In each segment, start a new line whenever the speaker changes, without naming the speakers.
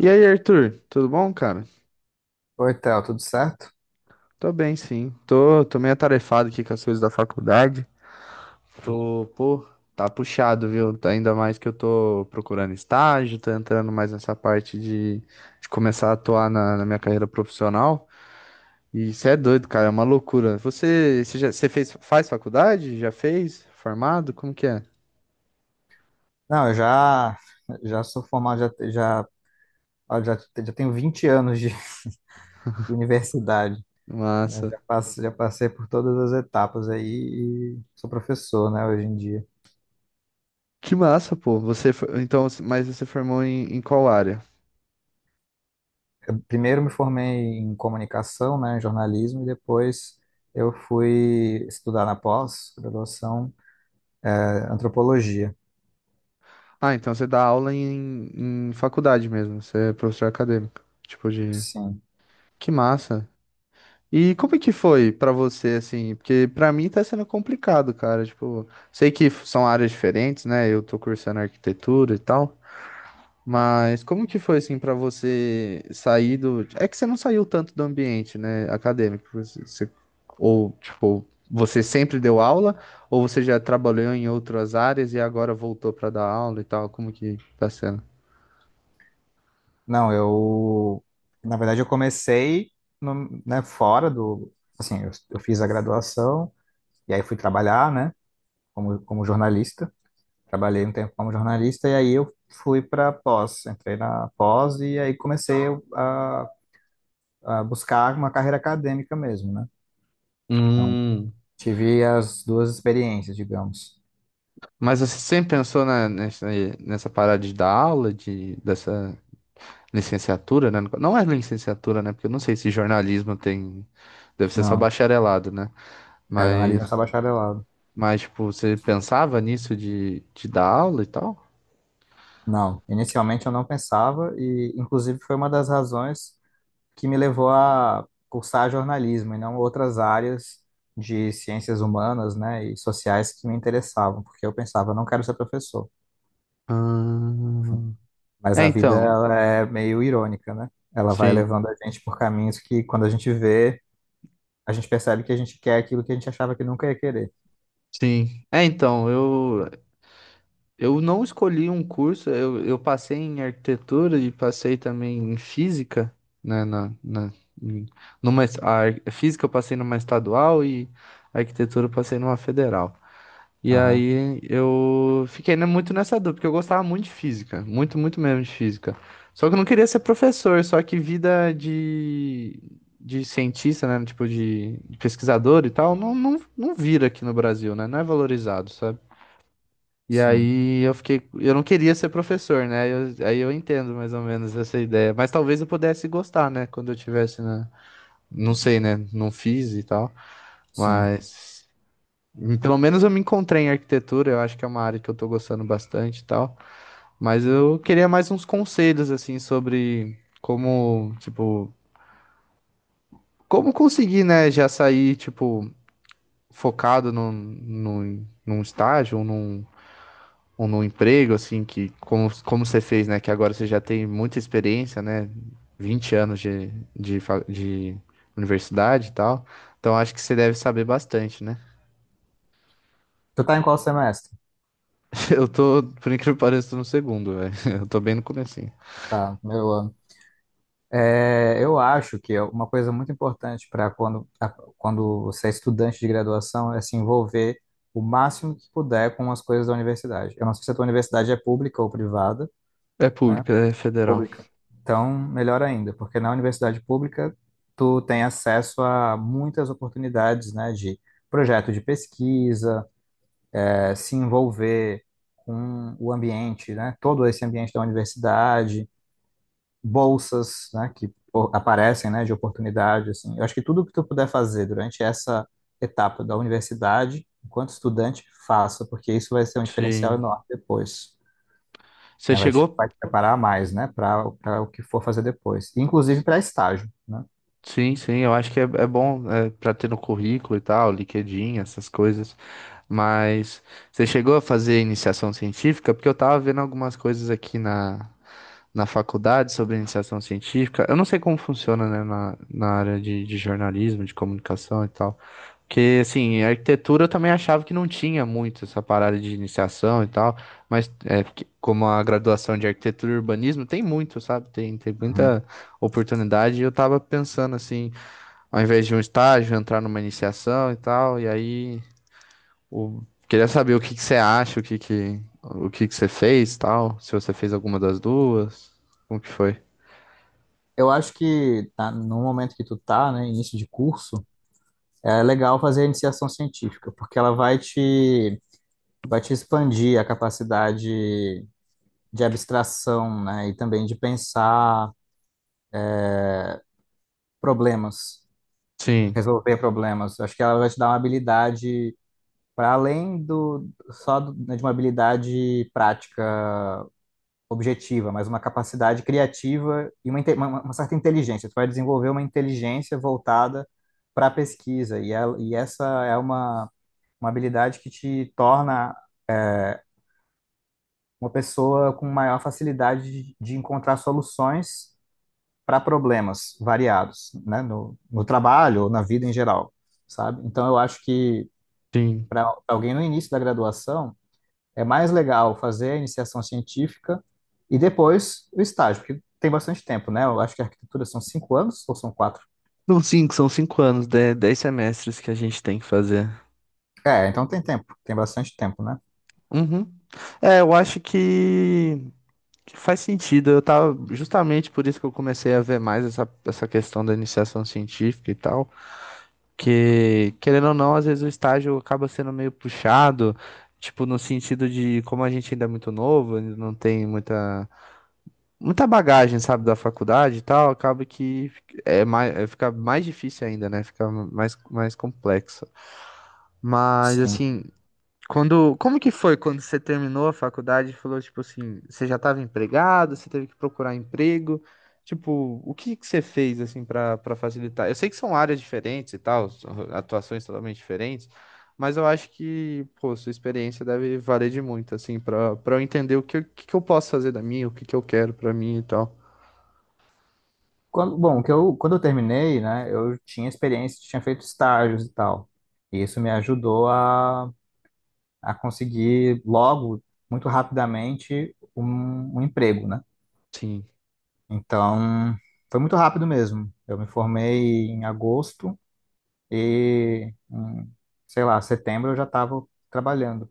E aí, Arthur, tudo bom, cara?
Oi, Theo, tudo certo?
Tô bem, sim. Tô meio atarefado aqui com as coisas da faculdade. Tô, pô, tá puxado, viu? Tá. Ainda mais que eu tô procurando estágio, tô entrando mais nessa parte de começar a atuar na minha carreira profissional. E isso é doido, cara, é uma loucura. Você fez, faz faculdade? Já fez? Formado? Como que é?
Não, eu já sou formado. Já, já, ah, já, já tenho 20 anos de universidade, né?
Massa.
Já passei por todas as etapas aí e sou professor, né, hoje em dia.
Que massa, pô. Então, mas você formou em qual área?
Primeiro me formei em comunicação, né, em jornalismo, e depois eu fui estudar na pós-graduação, antropologia.
Ah, então você dá aula em faculdade mesmo, você é professor acadêmico, tipo de...
Sim.
Que massa! E como é que foi pra você, assim? Porque pra mim tá sendo complicado, cara, tipo... São áreas diferentes, né? Eu tô cursando arquitetura e tal, mas como que foi, assim, pra você sair do... É que você não saiu tanto do ambiente, né, acadêmico, você... Ou, tipo, você sempre deu aula, ou você já trabalhou em outras áreas e agora voltou pra dar aula e tal, como que tá sendo?
Não, eu, na verdade, eu comecei no, né, fora do, assim, eu fiz a graduação e aí fui trabalhar, né? Como jornalista. Trabalhei um tempo como jornalista e aí eu fui para pós, entrei na pós e aí comecei a, a buscar uma carreira acadêmica mesmo, né? Então,
Hum,
tive as duas experiências, digamos.
mas você sempre pensou nessa, nessa parada de dar aula, de, dessa licenciatura, né? Não é licenciatura, né? Porque eu não sei se jornalismo tem. Deve ser só
Não,
bacharelado, né?
é jornalismo
Mas,
só bacharelado.
mas tipo, você pensava nisso de dar aula e tal?
Não, inicialmente eu não pensava e, inclusive, foi uma das razões que me levou a cursar jornalismo e não outras áreas de ciências humanas, né, e sociais que me interessavam, porque eu pensava, não quero ser professor.
Ah,
Mas
é,
a vida
então.
ela é meio irônica, né? Ela vai
Sim,
levando a gente por caminhos que, quando a gente vê, a gente percebe que a gente quer aquilo que a gente achava que nunca ia querer.
sim. É, então, eu. Eu não escolhi um curso, eu passei em arquitetura e passei também em física, né, na, na, em- numa, es- a ar- física eu passei numa estadual e a arquitetura eu passei numa federal. E
Aham,
aí eu fiquei, né, muito nessa dúvida, porque eu gostava muito de física, muito, muito mesmo de física. Só que eu não queria ser professor, só que vida de cientista, né, tipo de pesquisador e tal, não vira aqui no Brasil, né, não é valorizado, sabe? E
sim,
aí eu fiquei, eu não queria ser professor, né? Aí eu entendo mais ou menos essa ideia. Mas talvez eu pudesse gostar, né? Quando eu tivesse na, não sei, né? Não fiz e tal.
sim.
Mas pelo menos eu me encontrei em arquitetura. Eu acho que é uma área que eu tô gostando bastante e tal. Mas eu queria mais uns conselhos assim sobre como, tipo, como conseguir, né? Já sair tipo focado num estágio, ou num um no emprego, assim, que como, como você fez, né? Que agora você já tem muita experiência, né? 20 anos de universidade e tal. Então acho que você deve saber bastante, né?
Tu tá em qual semestre?
Eu tô, por incrível que pareça, tô no segundo, velho. Eu tô bem no comecinho.
Tá, meu ano. É, eu acho que é uma coisa muito importante para quando você é estudante de graduação, é se envolver o máximo que puder com as coisas da universidade. Eu não sei se a tua universidade é pública ou privada,
É
né?
pública, é federal.
Pública. Então, melhor ainda, porque na universidade pública tu tem acesso a muitas oportunidades, né, de projeto de pesquisa, se envolver com o ambiente, né, todo esse ambiente da universidade, bolsas, né, que aparecem, né, de oportunidade, assim. Eu acho que tudo que tu puder fazer durante essa etapa da universidade, enquanto estudante, faça, porque isso vai ser um diferencial
Sim.
enorme depois,
Você
né? Vai te,
chegou.
vai te preparar mais, né? Para o que for fazer depois. Inclusive para estágio, né?
Sim, sim, eu acho que é, é bom é, para ter no currículo e tal, LinkedIn, essas coisas. Mas você chegou a fazer iniciação científica? Porque eu tava vendo algumas coisas aqui na faculdade sobre iniciação científica. Eu não sei como funciona, né, na área de jornalismo, de comunicação e tal. Porque, assim, em arquitetura eu também achava que não tinha muito essa parada de iniciação e tal, mas é, porque como a graduação de arquitetura e urbanismo tem muito, sabe? Tem
Uhum.
muita oportunidade, e eu tava pensando assim, ao invés de um estágio, entrar numa iniciação e tal, e aí o- queria saber o que que você acha, o que que você fez, e tal, se você fez alguma das duas, como que foi?
Eu acho que tá, no momento que tu tá, né, início de curso, é legal fazer a iniciação científica, porque ela vai te expandir a capacidade de abstração, né? E também de pensar problemas,
Sim,
resolver problemas. Acho que ela vai te dar uma habilidade para além do só né, de uma habilidade prática, objetiva, mas uma capacidade criativa e uma certa inteligência. Tu vai desenvolver uma inteligência voltada para a pesquisa, e, e essa é uma habilidade que te torna uma pessoa com maior facilidade de encontrar soluções para problemas variados, né? No trabalho ou na vida em geral, sabe? Então, eu acho que
sim.
para alguém no início da graduação, é mais legal fazer a iniciação científica e depois o estágio, porque tem bastante tempo, né? Eu acho que a arquitetura são 5 anos ou são 4?
São cinco anos, dez semestres que a gente tem que fazer.
É, então tem tempo, tem bastante tempo, né?
Uhum. É, eu acho que faz sentido. Eu tava justamente por isso que eu comecei a ver mais essa, essa questão da iniciação científica e tal. Porque, querendo ou não, às vezes o estágio acaba sendo meio puxado, tipo, no sentido de como a gente ainda é muito novo, ainda não tem muita, muita bagagem, sabe, da faculdade e tal, acaba que é mais, é, fica mais difícil ainda, né? Fica mais, mais complexo. Mas,
Sim.
assim, quando, como que foi quando você terminou a faculdade e falou, tipo assim, você já estava empregado, você teve que procurar emprego? Tipo, o que que você fez, assim, para facilitar? Eu sei que são áreas diferentes e tal, são atuações totalmente diferentes, mas eu acho que, pô, sua experiência deve valer de muito, assim, para eu entender o que que eu posso fazer da minha, o que que eu quero pra mim e tal.
Quando eu terminei, né, eu tinha experiência, tinha feito estágios e tal. E isso me ajudou a conseguir logo, muito rapidamente, um emprego, né?
Sim,
Então, foi muito rápido mesmo. Eu me formei em agosto e, sei lá, setembro eu já estava trabalhando.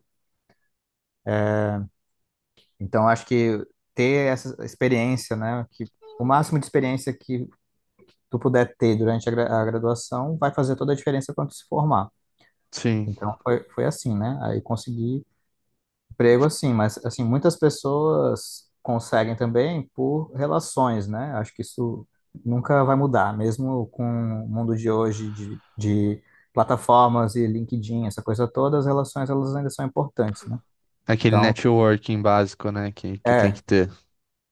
Então, acho que ter essa experiência, né, que o máximo de experiência que tu puder ter durante a, a graduação vai fazer toda a diferença quando tu se formar.
sim.
Então, foi, foi assim, né? Aí consegui emprego, assim, mas assim, muitas pessoas conseguem também por relações, né? Acho que isso nunca vai mudar, mesmo com o mundo de hoje de plataformas e LinkedIn, essa coisa toda, as relações elas ainda são importantes, né?
Aquele
Então,
networking básico, né, que tem
é,
que ter.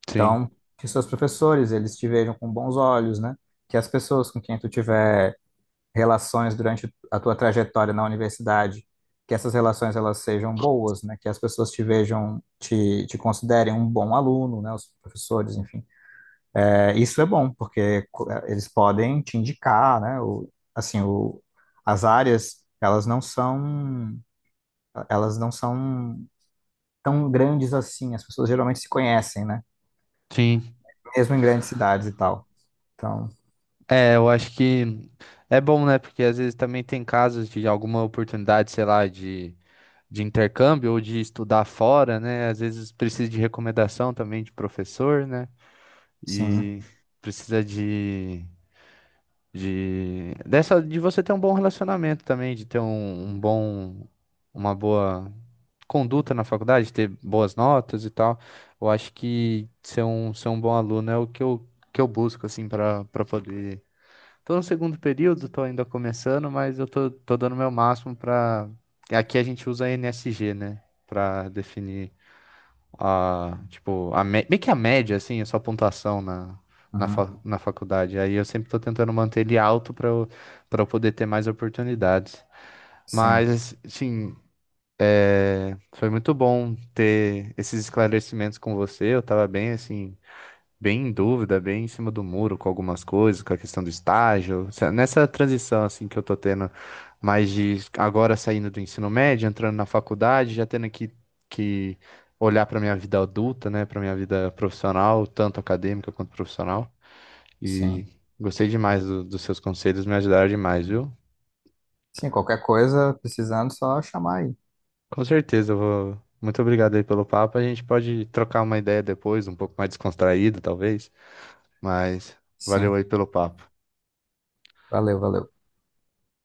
Sim,
então, que seus professores eles te vejam com bons olhos, né? Que as pessoas com quem tu tiver relações durante a tua trajetória na universidade, que essas relações elas sejam boas, né? Que as pessoas te vejam, te considerem um bom aluno, né? Os professores, enfim. É, isso é bom, porque eles podem te indicar, né? Assim, o, as áreas, elas não são tão grandes assim. As pessoas geralmente se conhecem, né?
sim.
Mesmo em grandes cidades e tal. Então,
É, eu acho que é bom, né? Porque às vezes também tem casos de alguma oportunidade, sei lá, de intercâmbio ou de estudar fora, né? Às vezes precisa de recomendação também de professor, né?
sim,
E precisa de dessa de você ter um bom relacionamento também, de ter um, um bom, uma boa conduta na faculdade, ter boas notas e tal. Eu acho que ser um bom aluno é o que que eu busco, assim, para poder. Tô no segundo período, tô ainda começando, mas eu tô, tô dando meu máximo pra. Aqui a gente usa NSG, né? Pra definir a, tipo, meio que a média, assim, a sua pontuação na,
uhum,
na faculdade. Aí eu sempre tô tentando manter ele alto pra eu poder ter mais oportunidades.
sim,
Mas, assim, é, foi muito bom ter esses esclarecimentos com você. Eu tava bem, assim, bem em dúvida, bem em cima do muro com algumas coisas, com a questão do estágio. Nessa transição assim que eu tô tendo, mais de agora saindo do ensino médio, entrando na faculdade, já tendo que olhar para minha vida adulta, né, para minha vida profissional, tanto acadêmica quanto profissional.
sim.
E gostei demais dos seus conselhos, me ajudaram demais, viu?
Sim, qualquer coisa, precisando, só chamar aí.
Com certeza, eu vou. Muito obrigado aí pelo papo. A gente pode trocar uma ideia depois, um pouco mais descontraído, talvez. Mas valeu
Sim.
aí pelo papo.
Valeu, valeu.